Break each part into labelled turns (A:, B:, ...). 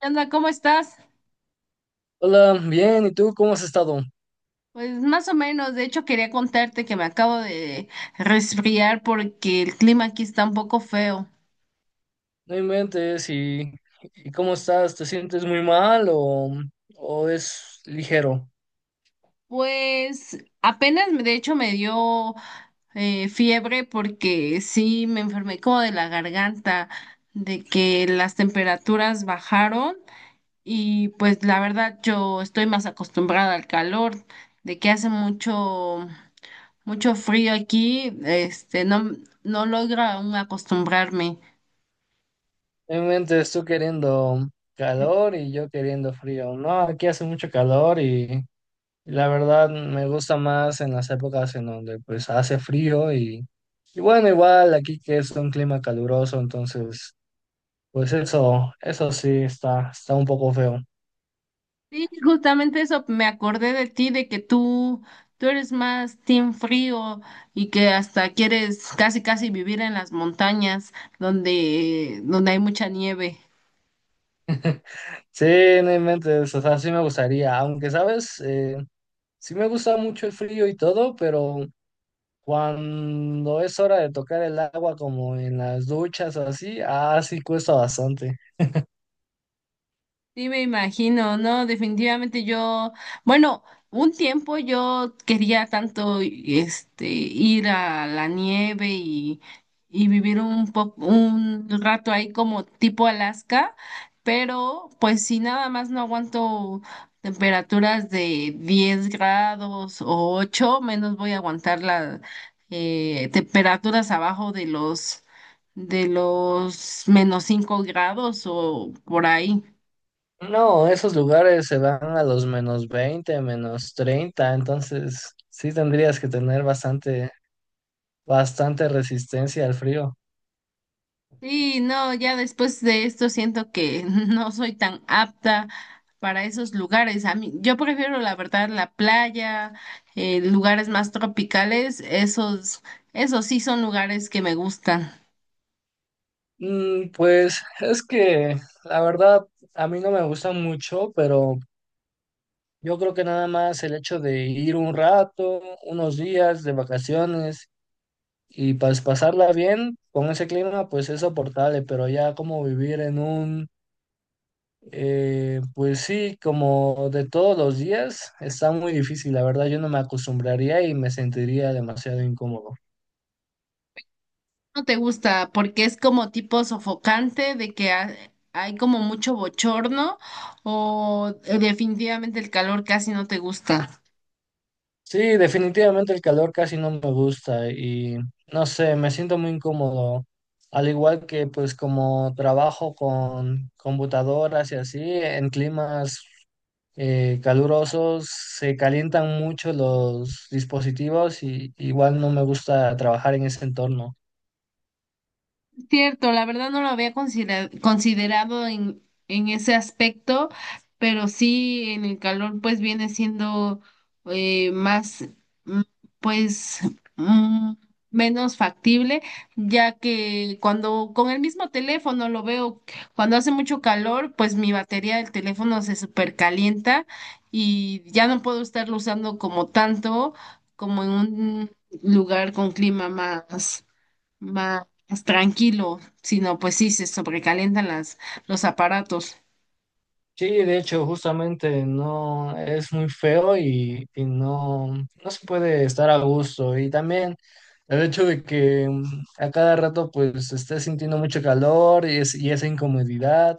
A: ¿Qué onda? ¿Cómo estás?
B: Hola, bien, ¿y tú cómo has estado?
A: Pues más o menos, de hecho quería contarte que me acabo de resfriar porque el clima aquí está un poco feo.
B: No inventes, ¿y cómo estás? ¿Te sientes muy mal o es ligero?
A: Pues apenas, de hecho, me dio fiebre porque sí me enfermé como de la garganta, de que las temperaturas bajaron y pues la verdad yo estoy más acostumbrada al calor, de que hace mucho, mucho frío aquí, no logra aún acostumbrarme.
B: No inventes, tú queriendo calor y yo queriendo frío. No, aquí hace mucho calor y la verdad me gusta más en las épocas en donde pues hace frío y bueno, igual aquí que es un clima caluroso, entonces pues eso sí está, está un poco feo.
A: Sí, justamente eso me acordé de ti, de que tú eres más team frío y que hasta quieres casi casi vivir en las montañas donde hay mucha nieve.
B: Sí, no inventes, o sea, sí me gustaría, aunque sabes, sí me gusta mucho el frío y todo, pero cuando es hora de tocar el agua como en las duchas o así, ah, sí cuesta bastante.
A: Sí, me imagino, ¿no? Definitivamente yo, bueno, un tiempo yo quería tanto ir a la nieve y vivir un rato ahí como tipo Alaska, pero pues si nada más no aguanto temperaturas de 10 grados o 8 menos voy a aguantar las temperaturas abajo de los -5 grados o por ahí.
B: No, esos lugares se van a los -20 -30, entonces sí tendrías que tener bastante resistencia al frío.
A: Sí, no, ya después de esto siento que no soy tan apta para esos lugares. A mí, yo prefiero la verdad la playa, lugares más tropicales, esos sí son lugares que me gustan.
B: Mm, pues es que la verdad a mí no me gusta mucho, pero yo creo que nada más el hecho de ir un rato, unos días de vacaciones. Y pues pasarla bien con ese clima, pues es soportable, pero ya como vivir en pues sí, como de todos los días, está muy difícil. La verdad, yo no me acostumbraría y me sentiría demasiado incómodo.
A: No te gusta porque es como tipo sofocante de que hay como mucho bochorno o definitivamente el calor casi no te gusta.
B: Sí, definitivamente el calor casi no me gusta y no sé, me siento muy incómodo. Al igual que pues como trabajo con computadoras y así, en climas calurosos, se calientan mucho los dispositivos y igual no me gusta trabajar en ese entorno.
A: Cierto, la verdad no lo había considerado en ese aspecto, pero sí en el calor pues viene siendo más mm, pues mm, menos factible, ya que cuando con el mismo teléfono lo veo, cuando hace mucho calor pues mi batería del teléfono se supercalienta y ya no puedo estarlo usando como tanto como en un lugar con clima más más tranquilo, sino pues sí, se sobrecalientan las, los aparatos.
B: Sí, de hecho, justamente no es muy feo y no se puede estar a gusto. Y también el hecho de que a cada rato pues estés sintiendo mucho calor y esa incomodidad.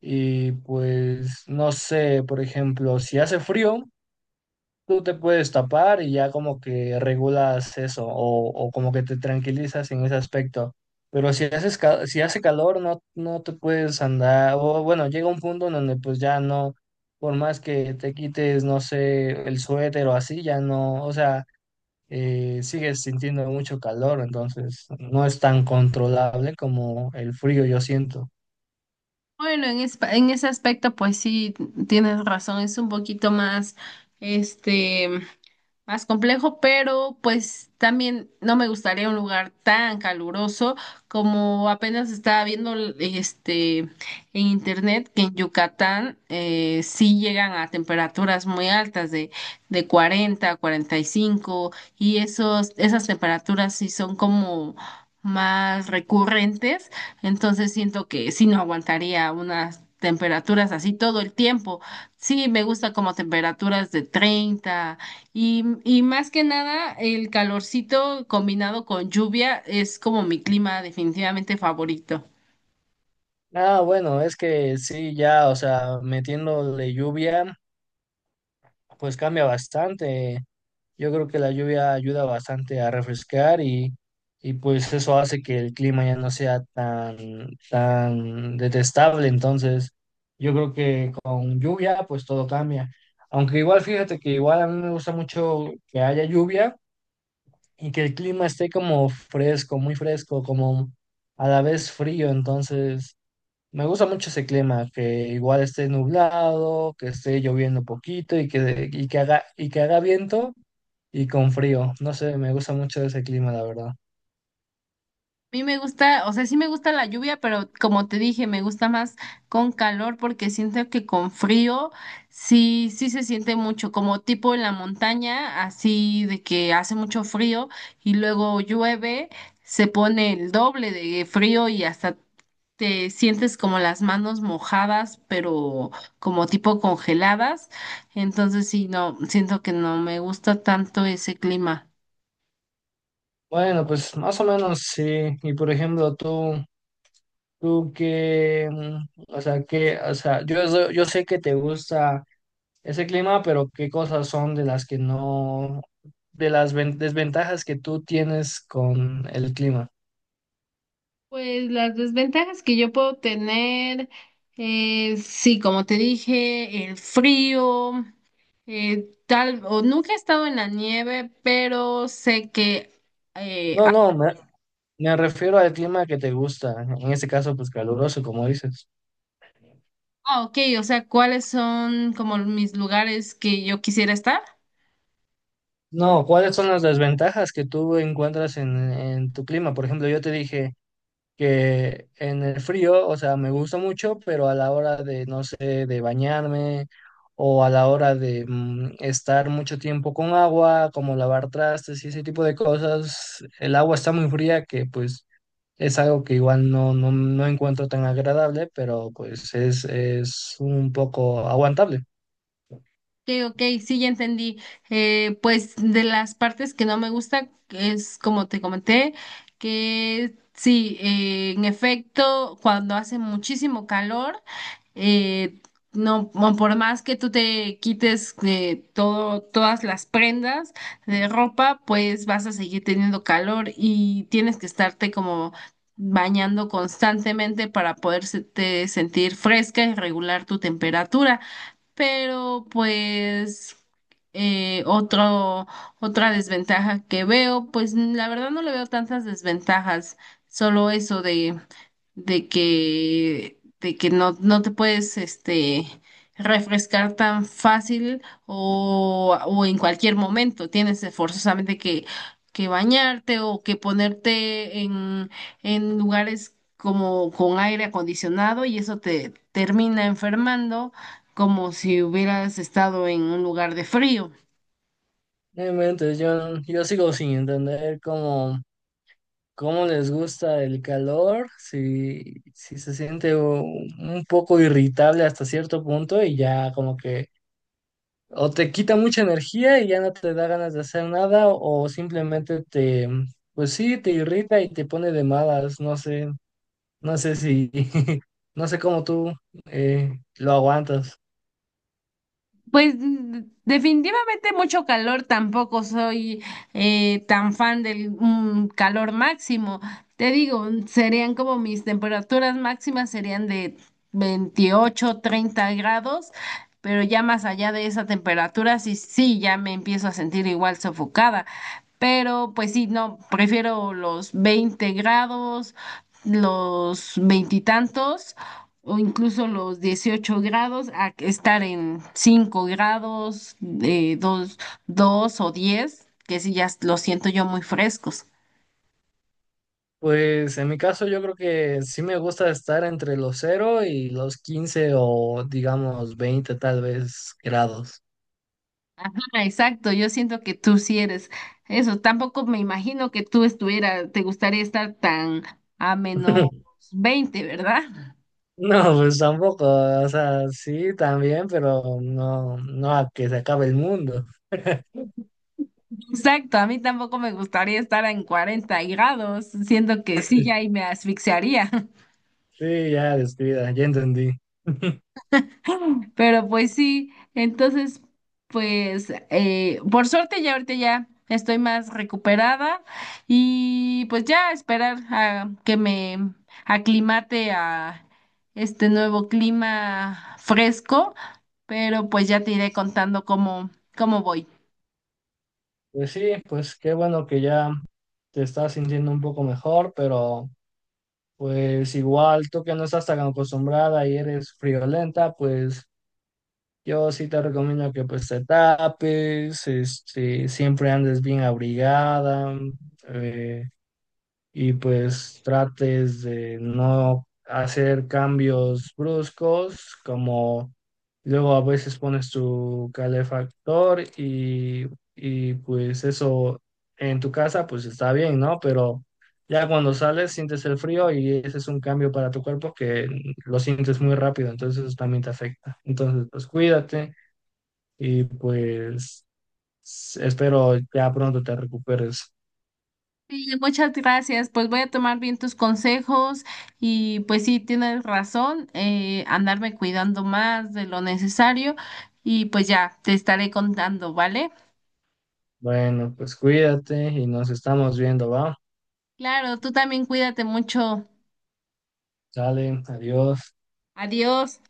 B: Y pues no sé, por ejemplo, si hace frío, tú te puedes tapar y ya como que regulas eso o como que te tranquilizas en ese aspecto. Pero si hace calor, no te puedes andar, o bueno, llega un punto en donde pues ya no, por más que te quites, no sé, el suéter o así, ya no, o sea, sigues sintiendo mucho calor, entonces no es tan controlable como el frío, yo siento.
A: Bueno, en ese aspecto, pues sí, tienes razón, es un poquito más, este, más complejo, pero pues también no me gustaría un lugar tan caluroso como apenas estaba viendo en internet que en Yucatán sí llegan a temperaturas muy altas de 40 a 45 y esos, esas temperaturas sí son como más recurrentes, entonces siento que sí no aguantaría unas temperaturas así todo el tiempo. Sí, me gusta como temperaturas de 30 y más que nada, el calorcito combinado con lluvia es como mi clima definitivamente favorito.
B: Ah, bueno, es que sí, ya, o sea, metiéndole lluvia, pues cambia bastante. Yo creo que la lluvia ayuda bastante a refrescar y pues eso hace que el clima ya no sea tan detestable. Entonces, yo creo que con lluvia pues todo cambia. Aunque igual fíjate que igual a mí me gusta mucho que haya lluvia y que el clima esté como fresco, muy fresco, como a la vez frío. Entonces, me gusta mucho ese clima, que igual esté nublado, que esté lloviendo poquito y que haga viento y con frío. No sé, me gusta mucho ese clima, la verdad.
A: A mí me gusta, o sea, sí me gusta la lluvia, pero como te dije, me gusta más con calor porque siento que con frío sí se siente mucho, como tipo en la montaña, así de que hace mucho frío y luego llueve, se pone el doble de frío y hasta te sientes como las manos mojadas, pero como tipo congeladas. Entonces sí, no, siento que no me gusta tanto ese clima.
B: Bueno, pues más o menos sí. Y por ejemplo, tú que, o sea, o sea, yo, yo sé que te gusta ese clima, pero ¿qué cosas son de las que no, desventajas que tú tienes con el clima?
A: Pues las desventajas que yo puedo tener, sí, como te dije, el frío, o nunca he estado en la nieve, pero sé que, eh,
B: No, me refiero al clima que te gusta, en este caso, pues caluroso, como dices.
A: ah, ok, o sea, ¿cuáles son como mis lugares que yo quisiera estar?
B: No, ¿cuáles son las desventajas que tú encuentras en tu clima? Por ejemplo, yo te dije que en el frío, o sea, me gusta mucho, pero a la hora de, no sé, de bañarme o a la hora de estar mucho tiempo con agua, como lavar trastes y ese tipo de cosas, el agua está muy fría que pues es algo que igual no encuentro tan agradable, pero pues es un poco aguantable.
A: Ok, ok, sí, ya entendí. Pues de las partes que no me gusta es como te comenté, que sí, en efecto, cuando hace muchísimo calor, eh, no, por más que tú te quites todo, todas las prendas de ropa, pues vas a seguir teniendo calor y tienes que estarte como bañando constantemente para poderte sentir fresca y regular tu temperatura pero pues otro, otra desventaja que veo, pues la verdad no le veo tantas desventajas, solo eso de de que no te puedes refrescar tan fácil o en cualquier momento. Tienes forzosamente que bañarte o que ponerte en lugares como con aire acondicionado y eso te termina enfermando como si hubieras estado en un lugar de frío.
B: Bueno, entonces yo sigo sin entender cómo... cómo les gusta el calor, si se siente un poco irritable hasta cierto punto y ya como que o te quita mucha energía y ya no te da ganas de hacer nada o simplemente te, pues sí, te irrita y te pone de malas, no sé, no sé si, no sé cómo tú lo aguantas.
A: Pues definitivamente mucho calor, tampoco soy tan fan del calor máximo. Te digo, serían como mis temperaturas máximas serían de 28, 30 grados, pero ya más allá de esa temperatura, sí, sí, ya me empiezo a sentir igual sofocada. Pero pues sí, no, prefiero los 20 grados, los veintitantos o incluso los 18 grados a que estar en 5 grados, de 2 o 10 que sí ya lo siento yo muy frescos.
B: Pues en mi caso yo creo que sí me gusta estar entre los cero y los 15 o digamos 20 tal vez grados.
A: Ajá, exacto, yo siento que tú sí eres eso. Tampoco me imagino que tú estuvieras, te gustaría estar tan a menos veinte ¿verdad?
B: No, pues tampoco, o sea, sí, también, pero no a que se acabe el mundo.
A: Exacto, a mí tampoco me gustaría estar en 40 grados, siento que sí ya ahí me asfixiaría.
B: Sí, ya descuida, ya entendí.
A: Pero pues sí, entonces, pues por suerte ya ahorita ya estoy más recuperada y pues ya esperar a que me aclimate a este nuevo clima fresco, pero pues ya te iré contando cómo voy.
B: Pues sí, pues qué bueno que ya te estás sintiendo un poco mejor, pero pues igual tú que no estás tan acostumbrada y eres friolenta, pues yo sí te recomiendo que pues te tapes, este, siempre andes bien abrigada, eh, y pues trates de no hacer cambios bruscos, como luego a veces pones tu calefactor y pues eso en tu casa pues está bien, ¿no? Pero ya cuando sales sientes el frío y ese es un cambio para tu cuerpo que lo sientes muy rápido, entonces eso también te afecta. Entonces pues cuídate y pues espero ya pronto te recuperes.
A: Sí, muchas gracias, pues voy a tomar bien tus consejos y pues sí, tienes razón, andarme cuidando más de lo necesario y pues ya te estaré contando, ¿vale?
B: Bueno, pues cuídate y nos estamos viendo, ¿va?
A: Claro, tú también cuídate mucho.
B: Sale, adiós.
A: Adiós.